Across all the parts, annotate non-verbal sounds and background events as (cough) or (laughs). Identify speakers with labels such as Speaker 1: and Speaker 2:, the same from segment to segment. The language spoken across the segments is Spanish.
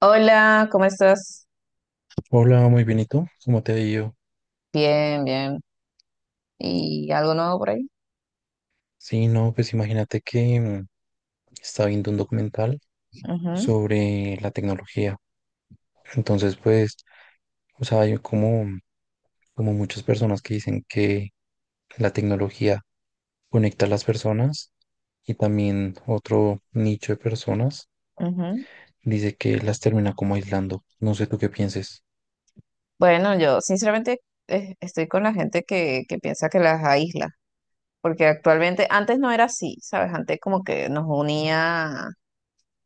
Speaker 1: Hola, ¿cómo estás?
Speaker 2: Hola, muy bien, ¿y tú? ¿Cómo te ha ido?
Speaker 1: Bien, bien. ¿Y algo nuevo por ahí?
Speaker 2: Sí, no, pues imagínate que estaba viendo un documental
Speaker 1: Ujú,
Speaker 2: sobre la tecnología. Entonces, pues, o sea, hay como como muchas personas que dicen que la tecnología conecta a las personas, y también otro nicho de personas
Speaker 1: ujú.
Speaker 2: dice que las termina como aislando. No sé tú qué pienses.
Speaker 1: Bueno, yo sinceramente estoy con la gente que piensa que las aísla, porque actualmente, antes no era así, ¿sabes? Antes como que nos unía,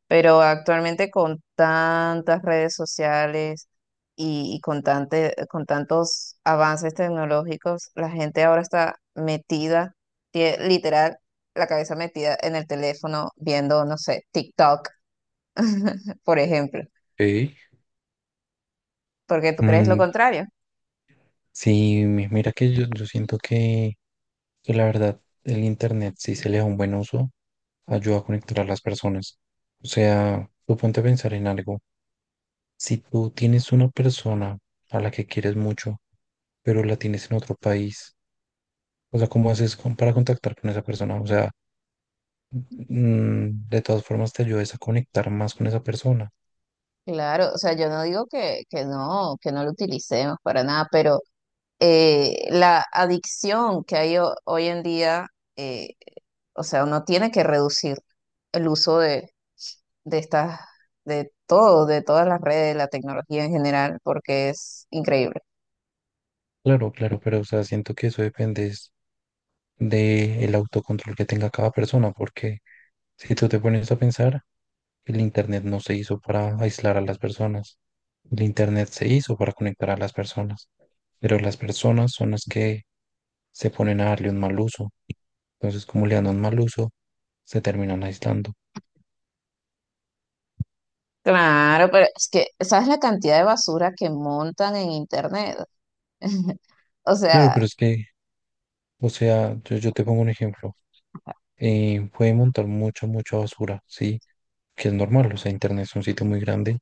Speaker 1: pero actualmente con tantas redes sociales y con con tantos avances tecnológicos, la gente ahora está metida, literal, la cabeza metida en el teléfono viendo, no sé, TikTok por ejemplo,
Speaker 2: Ey.
Speaker 1: porque tú crees lo
Speaker 2: Mm,
Speaker 1: contrario.
Speaker 2: sí, mira que yo siento que la verdad, el internet, si se le da un buen uso, ayuda a conectar a las personas. O sea, tú ponte a pensar en algo. Si tú tienes una persona a la que quieres mucho, pero la tienes en otro país, o sea, ¿cómo haces para contactar con esa persona? O sea, de todas formas te ayudas a conectar más con esa persona.
Speaker 1: Claro, o sea, yo no digo que no lo utilicemos para nada, pero la adicción que hay hoy en día, eh, o sea, uno tiene que reducir el uso de estas, de todo, de todas las redes, la tecnología en general, porque es increíble.
Speaker 2: Claro, claro, pero o sea, siento que eso depende es de el autocontrol que tenga cada persona, porque si tú te pones a pensar, el internet no se hizo para aislar a las personas. El internet se hizo para conectar a las personas. Pero las personas son las que se ponen a darle un mal uso. Entonces, como le dan un mal uso, se terminan aislando.
Speaker 1: Claro, pero es que, ¿sabes la cantidad de basura que montan en internet? (laughs) O
Speaker 2: Claro,
Speaker 1: sea,
Speaker 2: pero es que, o sea, yo te pongo un ejemplo. Puede montar mucha basura, ¿sí? Que es normal, o sea, internet es un sitio muy grande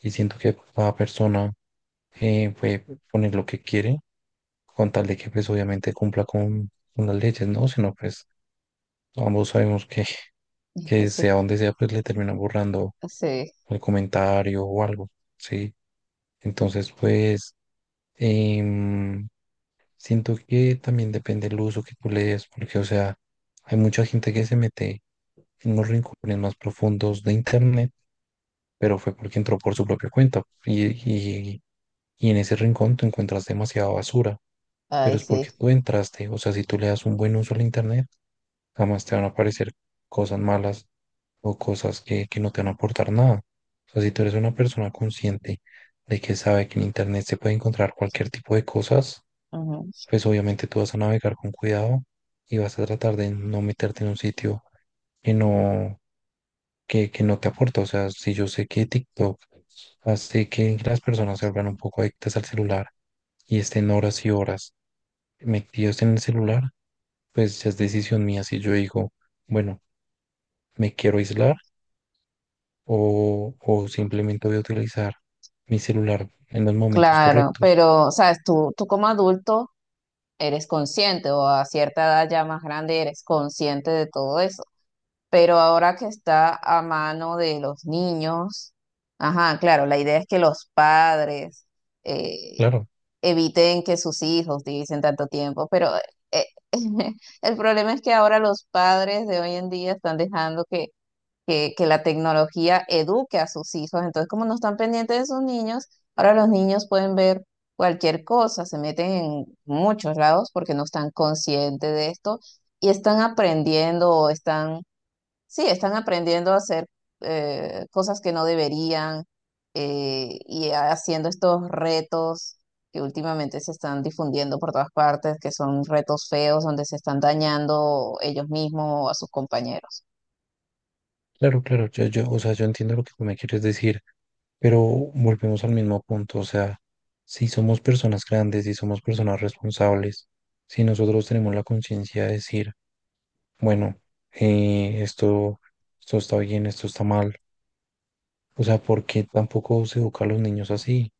Speaker 2: y siento que cada persona puede poner lo que quiere, con tal de que pues obviamente cumpla con las leyes, ¿no? Si no, pues ambos sabemos que, (laughs) que
Speaker 1: sí,
Speaker 2: sea donde sea, pues le terminan borrando
Speaker 1: sí,
Speaker 2: el comentario o algo, ¿sí? Entonces, pues, em, siento que también depende el uso que tú le des, porque, o sea, hay mucha gente que se mete en los rincones más profundos de internet, pero fue porque entró por su propia cuenta. Y en ese rincón tú encuentras demasiada basura, pero
Speaker 1: ay,
Speaker 2: es
Speaker 1: sí.
Speaker 2: porque tú entraste. O sea, si tú le das un buen uso al internet, jamás te van a aparecer cosas malas o cosas que no te van a aportar nada. O sea, si tú eres una persona consciente, de que sabe que en internet se puede encontrar cualquier tipo de cosas, pues obviamente tú vas a navegar con cuidado y vas a tratar de no meterte en un sitio que no, que no te aporta. O sea, si yo sé que TikTok hace que las personas se vuelvan un poco adictas al celular y estén horas y horas metidos en el celular, pues ya es decisión mía. Si yo digo, bueno, me quiero aislar, o simplemente voy a utilizar mi celular en los momentos
Speaker 1: Claro,
Speaker 2: correctos.
Speaker 1: pero, sabes, tú como adulto eres consciente o a cierta edad ya más grande eres consciente de todo eso. Pero ahora que está a mano de los niños, ajá, claro, la idea es que los padres eh,
Speaker 2: Claro.
Speaker 1: eviten que sus hijos utilicen tanto tiempo, pero eh, (laughs) el problema es que ahora los padres de hoy en día están dejando que la tecnología eduque a sus hijos. Entonces, como no están pendientes de sus niños, ahora los niños pueden ver cualquier cosa, se meten en muchos lados porque no están conscientes de esto y están aprendiendo o están, sí, están aprendiendo a hacer cosas que no deberían, y haciendo estos retos que últimamente se están difundiendo por todas partes, que son retos feos donde se están dañando ellos mismos o a sus compañeros.
Speaker 2: Claro, claro, o sea, yo entiendo lo que tú me quieres decir, pero volvemos al mismo punto, o sea, si somos personas grandes, si somos personas responsables, si nosotros tenemos la conciencia de decir, bueno, eh, esto, esto está bien, esto está mal, o sea, ¿por qué tampoco se educa a los niños así?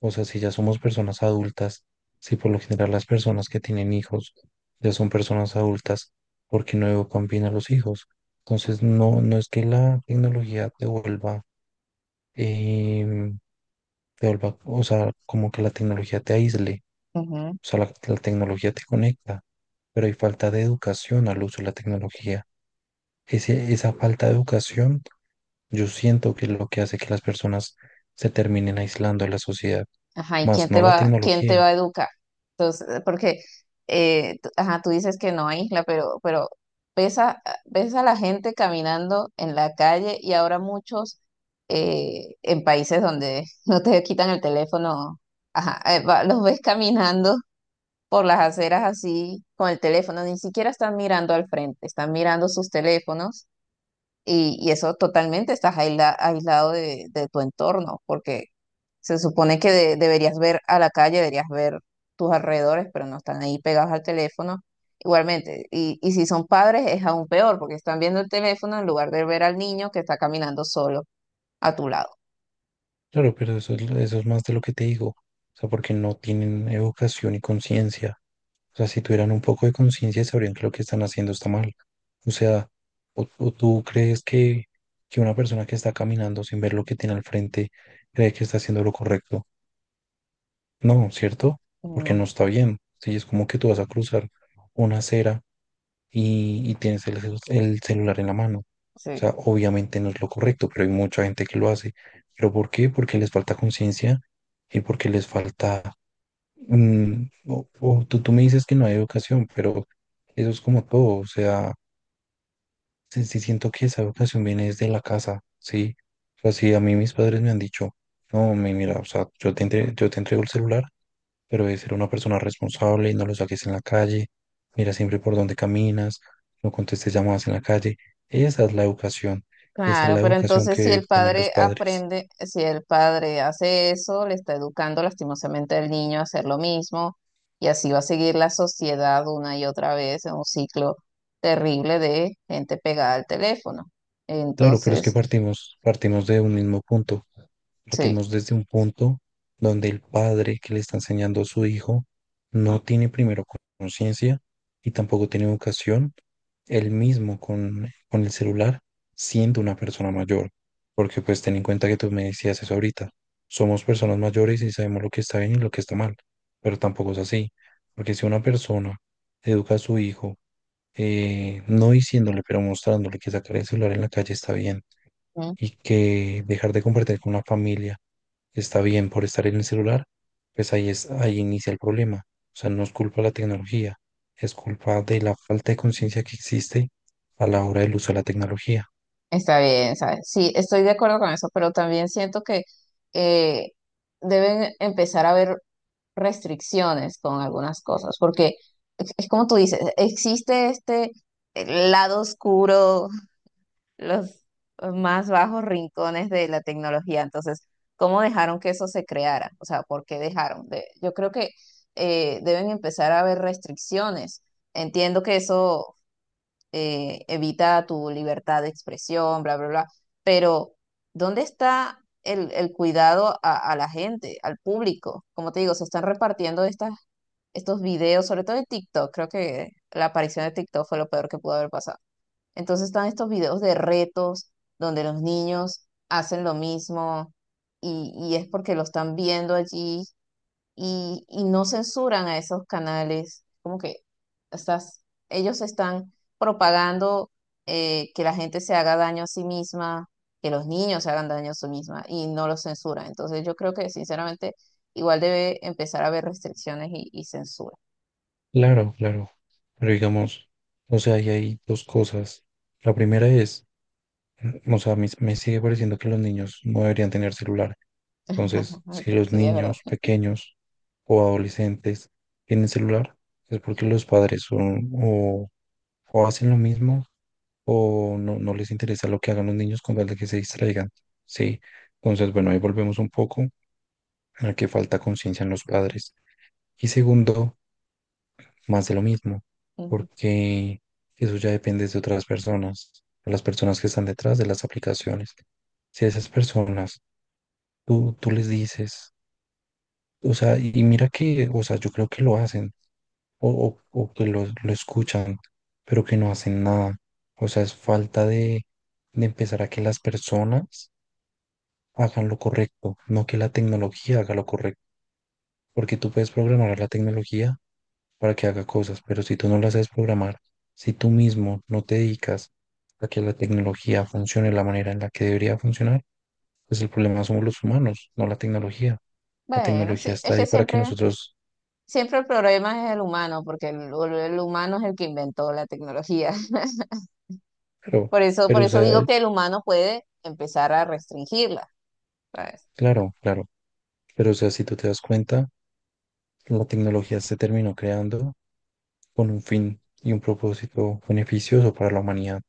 Speaker 2: O sea, si ya somos personas adultas, si por lo general las personas que tienen hijos ya son personas adultas, ¿por qué no educan bien a los hijos? Entonces, no, no es que la tecnología te vuelva, em, o sea, como que la tecnología te aísle, o sea, la tecnología te conecta, pero hay falta de educación al uso de la tecnología. Esa falta de educación yo siento que es lo que hace que las personas se terminen aislando de la sociedad,
Speaker 1: Ajá, ¿y
Speaker 2: más no la
Speaker 1: quién te
Speaker 2: tecnología.
Speaker 1: va a educar? Entonces, porque, ajá, tú dices que no, hay Isla, pero ves a, ves a la gente caminando en la calle y ahora muchos en países donde (laughs) no te quitan el teléfono, ajá, los ves caminando por las aceras así con el teléfono, ni siquiera están mirando al frente, están mirando sus teléfonos y eso totalmente estás aislado de tu entorno, porque se supone que deberías ver a la calle, deberías ver tus alrededores, pero no están ahí pegados al teléfono. Igualmente, y si son padres es aún peor, porque están viendo el teléfono en lugar de ver al niño que está caminando solo a tu lado.
Speaker 2: Claro, pero eso es, eso es más de lo que te digo. O sea, porque no tienen educación y conciencia. O sea, si tuvieran un poco de conciencia, sabrían que lo que están haciendo está mal. O sea, o tú crees que una persona que está caminando sin ver lo que tiene al frente cree que está haciendo lo correcto. No, ¿cierto? Porque
Speaker 1: Mm,
Speaker 2: no está bien. Sí, es como que tú vas a cruzar una acera y tienes el, el celular en la mano. O
Speaker 1: sí.
Speaker 2: sea, obviamente no es lo correcto, pero hay mucha gente que lo hace. ¿Pero por qué? Porque les falta conciencia y porque les falta... o tú me dices que no hay educación, pero eso es como todo. O sea, sí, sí siento que esa educación viene desde la casa, ¿sí? O sea, si a mí mis padres me han dicho, no, mira, o sea, yo te, yo te entrego el celular, pero de ser una persona responsable y no lo saques en la calle, mira siempre por dónde caminas, no contestes llamadas en la calle. Esa es la educación y esa es la
Speaker 1: Claro, pero
Speaker 2: educación
Speaker 1: entonces
Speaker 2: que
Speaker 1: si
Speaker 2: deben
Speaker 1: el
Speaker 2: tener los
Speaker 1: padre
Speaker 2: padres.
Speaker 1: aprende, si el padre hace eso, le está educando lastimosamente al niño a hacer lo mismo y así va a seguir la sociedad una y otra vez en un ciclo terrible de gente pegada al teléfono.
Speaker 2: Claro, pero es que
Speaker 1: Entonces,
Speaker 2: partimos de un mismo punto.
Speaker 1: sí.
Speaker 2: Partimos desde un punto donde el padre que le está enseñando a su hijo no tiene primero conciencia y tampoco tiene educación él mismo con el celular, siendo una persona mayor. Porque pues ten en cuenta que tú me decías eso ahorita. Somos personas mayores y sabemos lo que está bien y lo que está mal. Pero tampoco es así. Porque si una persona educa a su hijo, no diciéndole, pero mostrándole que sacar el celular en la calle está bien y que dejar de compartir con la familia está bien por estar en el celular, pues ahí es, ahí inicia el problema. O sea, no es culpa de la tecnología, es culpa de la falta de conciencia que existe a la hora del uso de la tecnología.
Speaker 1: Está bien, ¿sabes? Sí, estoy de acuerdo con eso, pero también siento que eh, deben empezar a haber restricciones con algunas cosas, porque es como tú dices, existe este lado oscuro, los más bajos rincones de la tecnología, entonces, ¿cómo dejaron que eso se creara? O sea, ¿por qué dejaron? Yo creo que deben empezar a haber restricciones. Entiendo que eso evita tu libertad de expresión, bla, bla, bla. Pero, ¿dónde está el cuidado a la gente, al público? Como te digo, se están repartiendo estas, estos videos, sobre todo de TikTok. Creo que la aparición de TikTok fue lo peor que pudo haber pasado. Entonces están estos videos de retos donde los niños hacen lo mismo y es porque lo están viendo allí y no censuran a esos canales, como que estás, ellos están propagando que la gente se haga daño a sí misma, que los niños se hagan daño a sí misma y no los censuran. Entonces yo creo que sinceramente igual debe empezar a haber restricciones y censura.
Speaker 2: Claro, claro. Pero digamos, o sea, ahí hay dos cosas. La primera es, o sea, me sigue pareciendo que los niños no deberían tener celular. Entonces, si
Speaker 1: (laughs)
Speaker 2: los
Speaker 1: Sí, es verdad.
Speaker 2: niños pequeños o adolescentes tienen celular, es porque los padres son o hacen lo mismo o no, no les interesa lo que hagan los niños con tal de que se distraigan, ¿sí? Entonces, bueno, ahí volvemos un poco a que falta conciencia en los padres. Y segundo, más de lo mismo,
Speaker 1: Ujú.
Speaker 2: porque eso ya depende de otras personas, de las personas que están detrás de las aplicaciones. Si a esas personas tú les dices, o sea, y mira que, o sea, yo creo que lo hacen o, o que lo escuchan, pero que no hacen nada. O sea, es falta de empezar a que las personas hagan lo correcto, no que la tecnología haga lo correcto, porque tú puedes programar a la tecnología para que haga cosas, pero si tú no la sabes programar, si tú mismo no te dedicas a que la tecnología funcione de la manera en la que debería funcionar, pues el problema somos los humanos, no la tecnología. La
Speaker 1: Bueno, sí,
Speaker 2: tecnología
Speaker 1: es
Speaker 2: está
Speaker 1: que
Speaker 2: ahí para que
Speaker 1: siempre,
Speaker 2: nosotros,
Speaker 1: siempre el problema es el humano, porque el humano es el que inventó la tecnología. (laughs)
Speaker 2: pero,
Speaker 1: Por
Speaker 2: pero, o
Speaker 1: eso
Speaker 2: sea,
Speaker 1: digo que el humano puede empezar a restringirla. Pues,
Speaker 2: claro, claro, pero, o sea, si tú te das cuenta, la tecnología se terminó creando con un fin y un propósito beneficioso para la humanidad.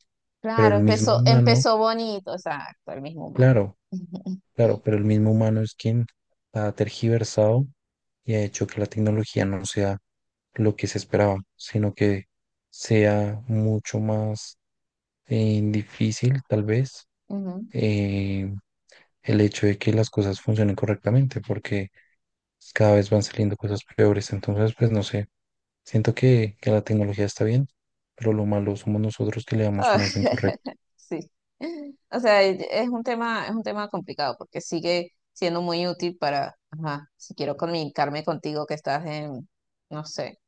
Speaker 2: Pero
Speaker 1: claro,
Speaker 2: el mismo
Speaker 1: empezó,
Speaker 2: humano,
Speaker 1: empezó bonito, exacto, el mismo humano.
Speaker 2: claro,
Speaker 1: Ujú,
Speaker 2: claro, pero el mismo humano es quien ha tergiversado y ha hecho que la tecnología no sea lo que se esperaba, sino que sea mucho más difícil, tal vez,
Speaker 1: ujú.
Speaker 2: eh, el hecho de que las cosas funcionen correctamente, porque cada vez van saliendo cosas peores. Entonces, pues no sé, siento que la tecnología está bien, pero lo malo somos nosotros que le damos
Speaker 1: Ah,
Speaker 2: un uso incorrecto.
Speaker 1: (laughs) sí. O sea, es un tema complicado porque sigue siendo muy útil para, ajá, si quiero comunicarme contigo que estás en, no sé,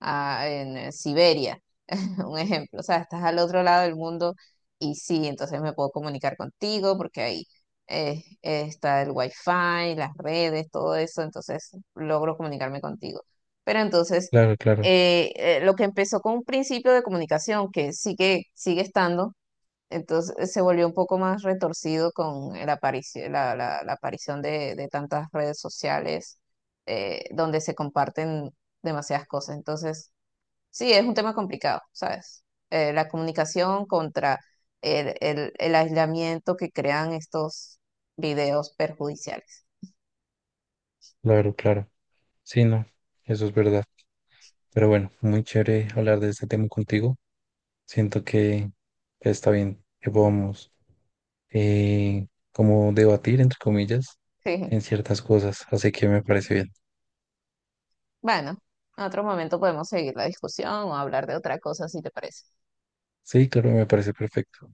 Speaker 1: en Siberia, (laughs) un ejemplo, o sea, estás al otro lado del mundo y sí, entonces me puedo comunicar contigo porque ahí está el wifi, las redes, todo eso, entonces logro comunicarme contigo. Pero entonces,
Speaker 2: Claro, claro,
Speaker 1: lo que empezó con un principio de comunicación que sigue, sigue estando, entonces se volvió un poco más retorcido con la, la aparición de tantas redes sociales, donde se comparten demasiadas cosas. Entonces, sí, es un tema complicado, ¿sabes? La comunicación contra el, el aislamiento que crean estos videos perjudiciales.
Speaker 2: claro, claro. Sí, no, eso es verdad. Pero bueno, muy chévere hablar de este tema contigo. Siento que está bien que podamos eh, como debatir, entre comillas,
Speaker 1: (laughs) Sí.
Speaker 2: en ciertas cosas. Así que me parece bien.
Speaker 1: Bueno, en otro momento podemos seguir la discusión o hablar de otra cosa si te parece.
Speaker 2: Sí, claro, me parece perfecto.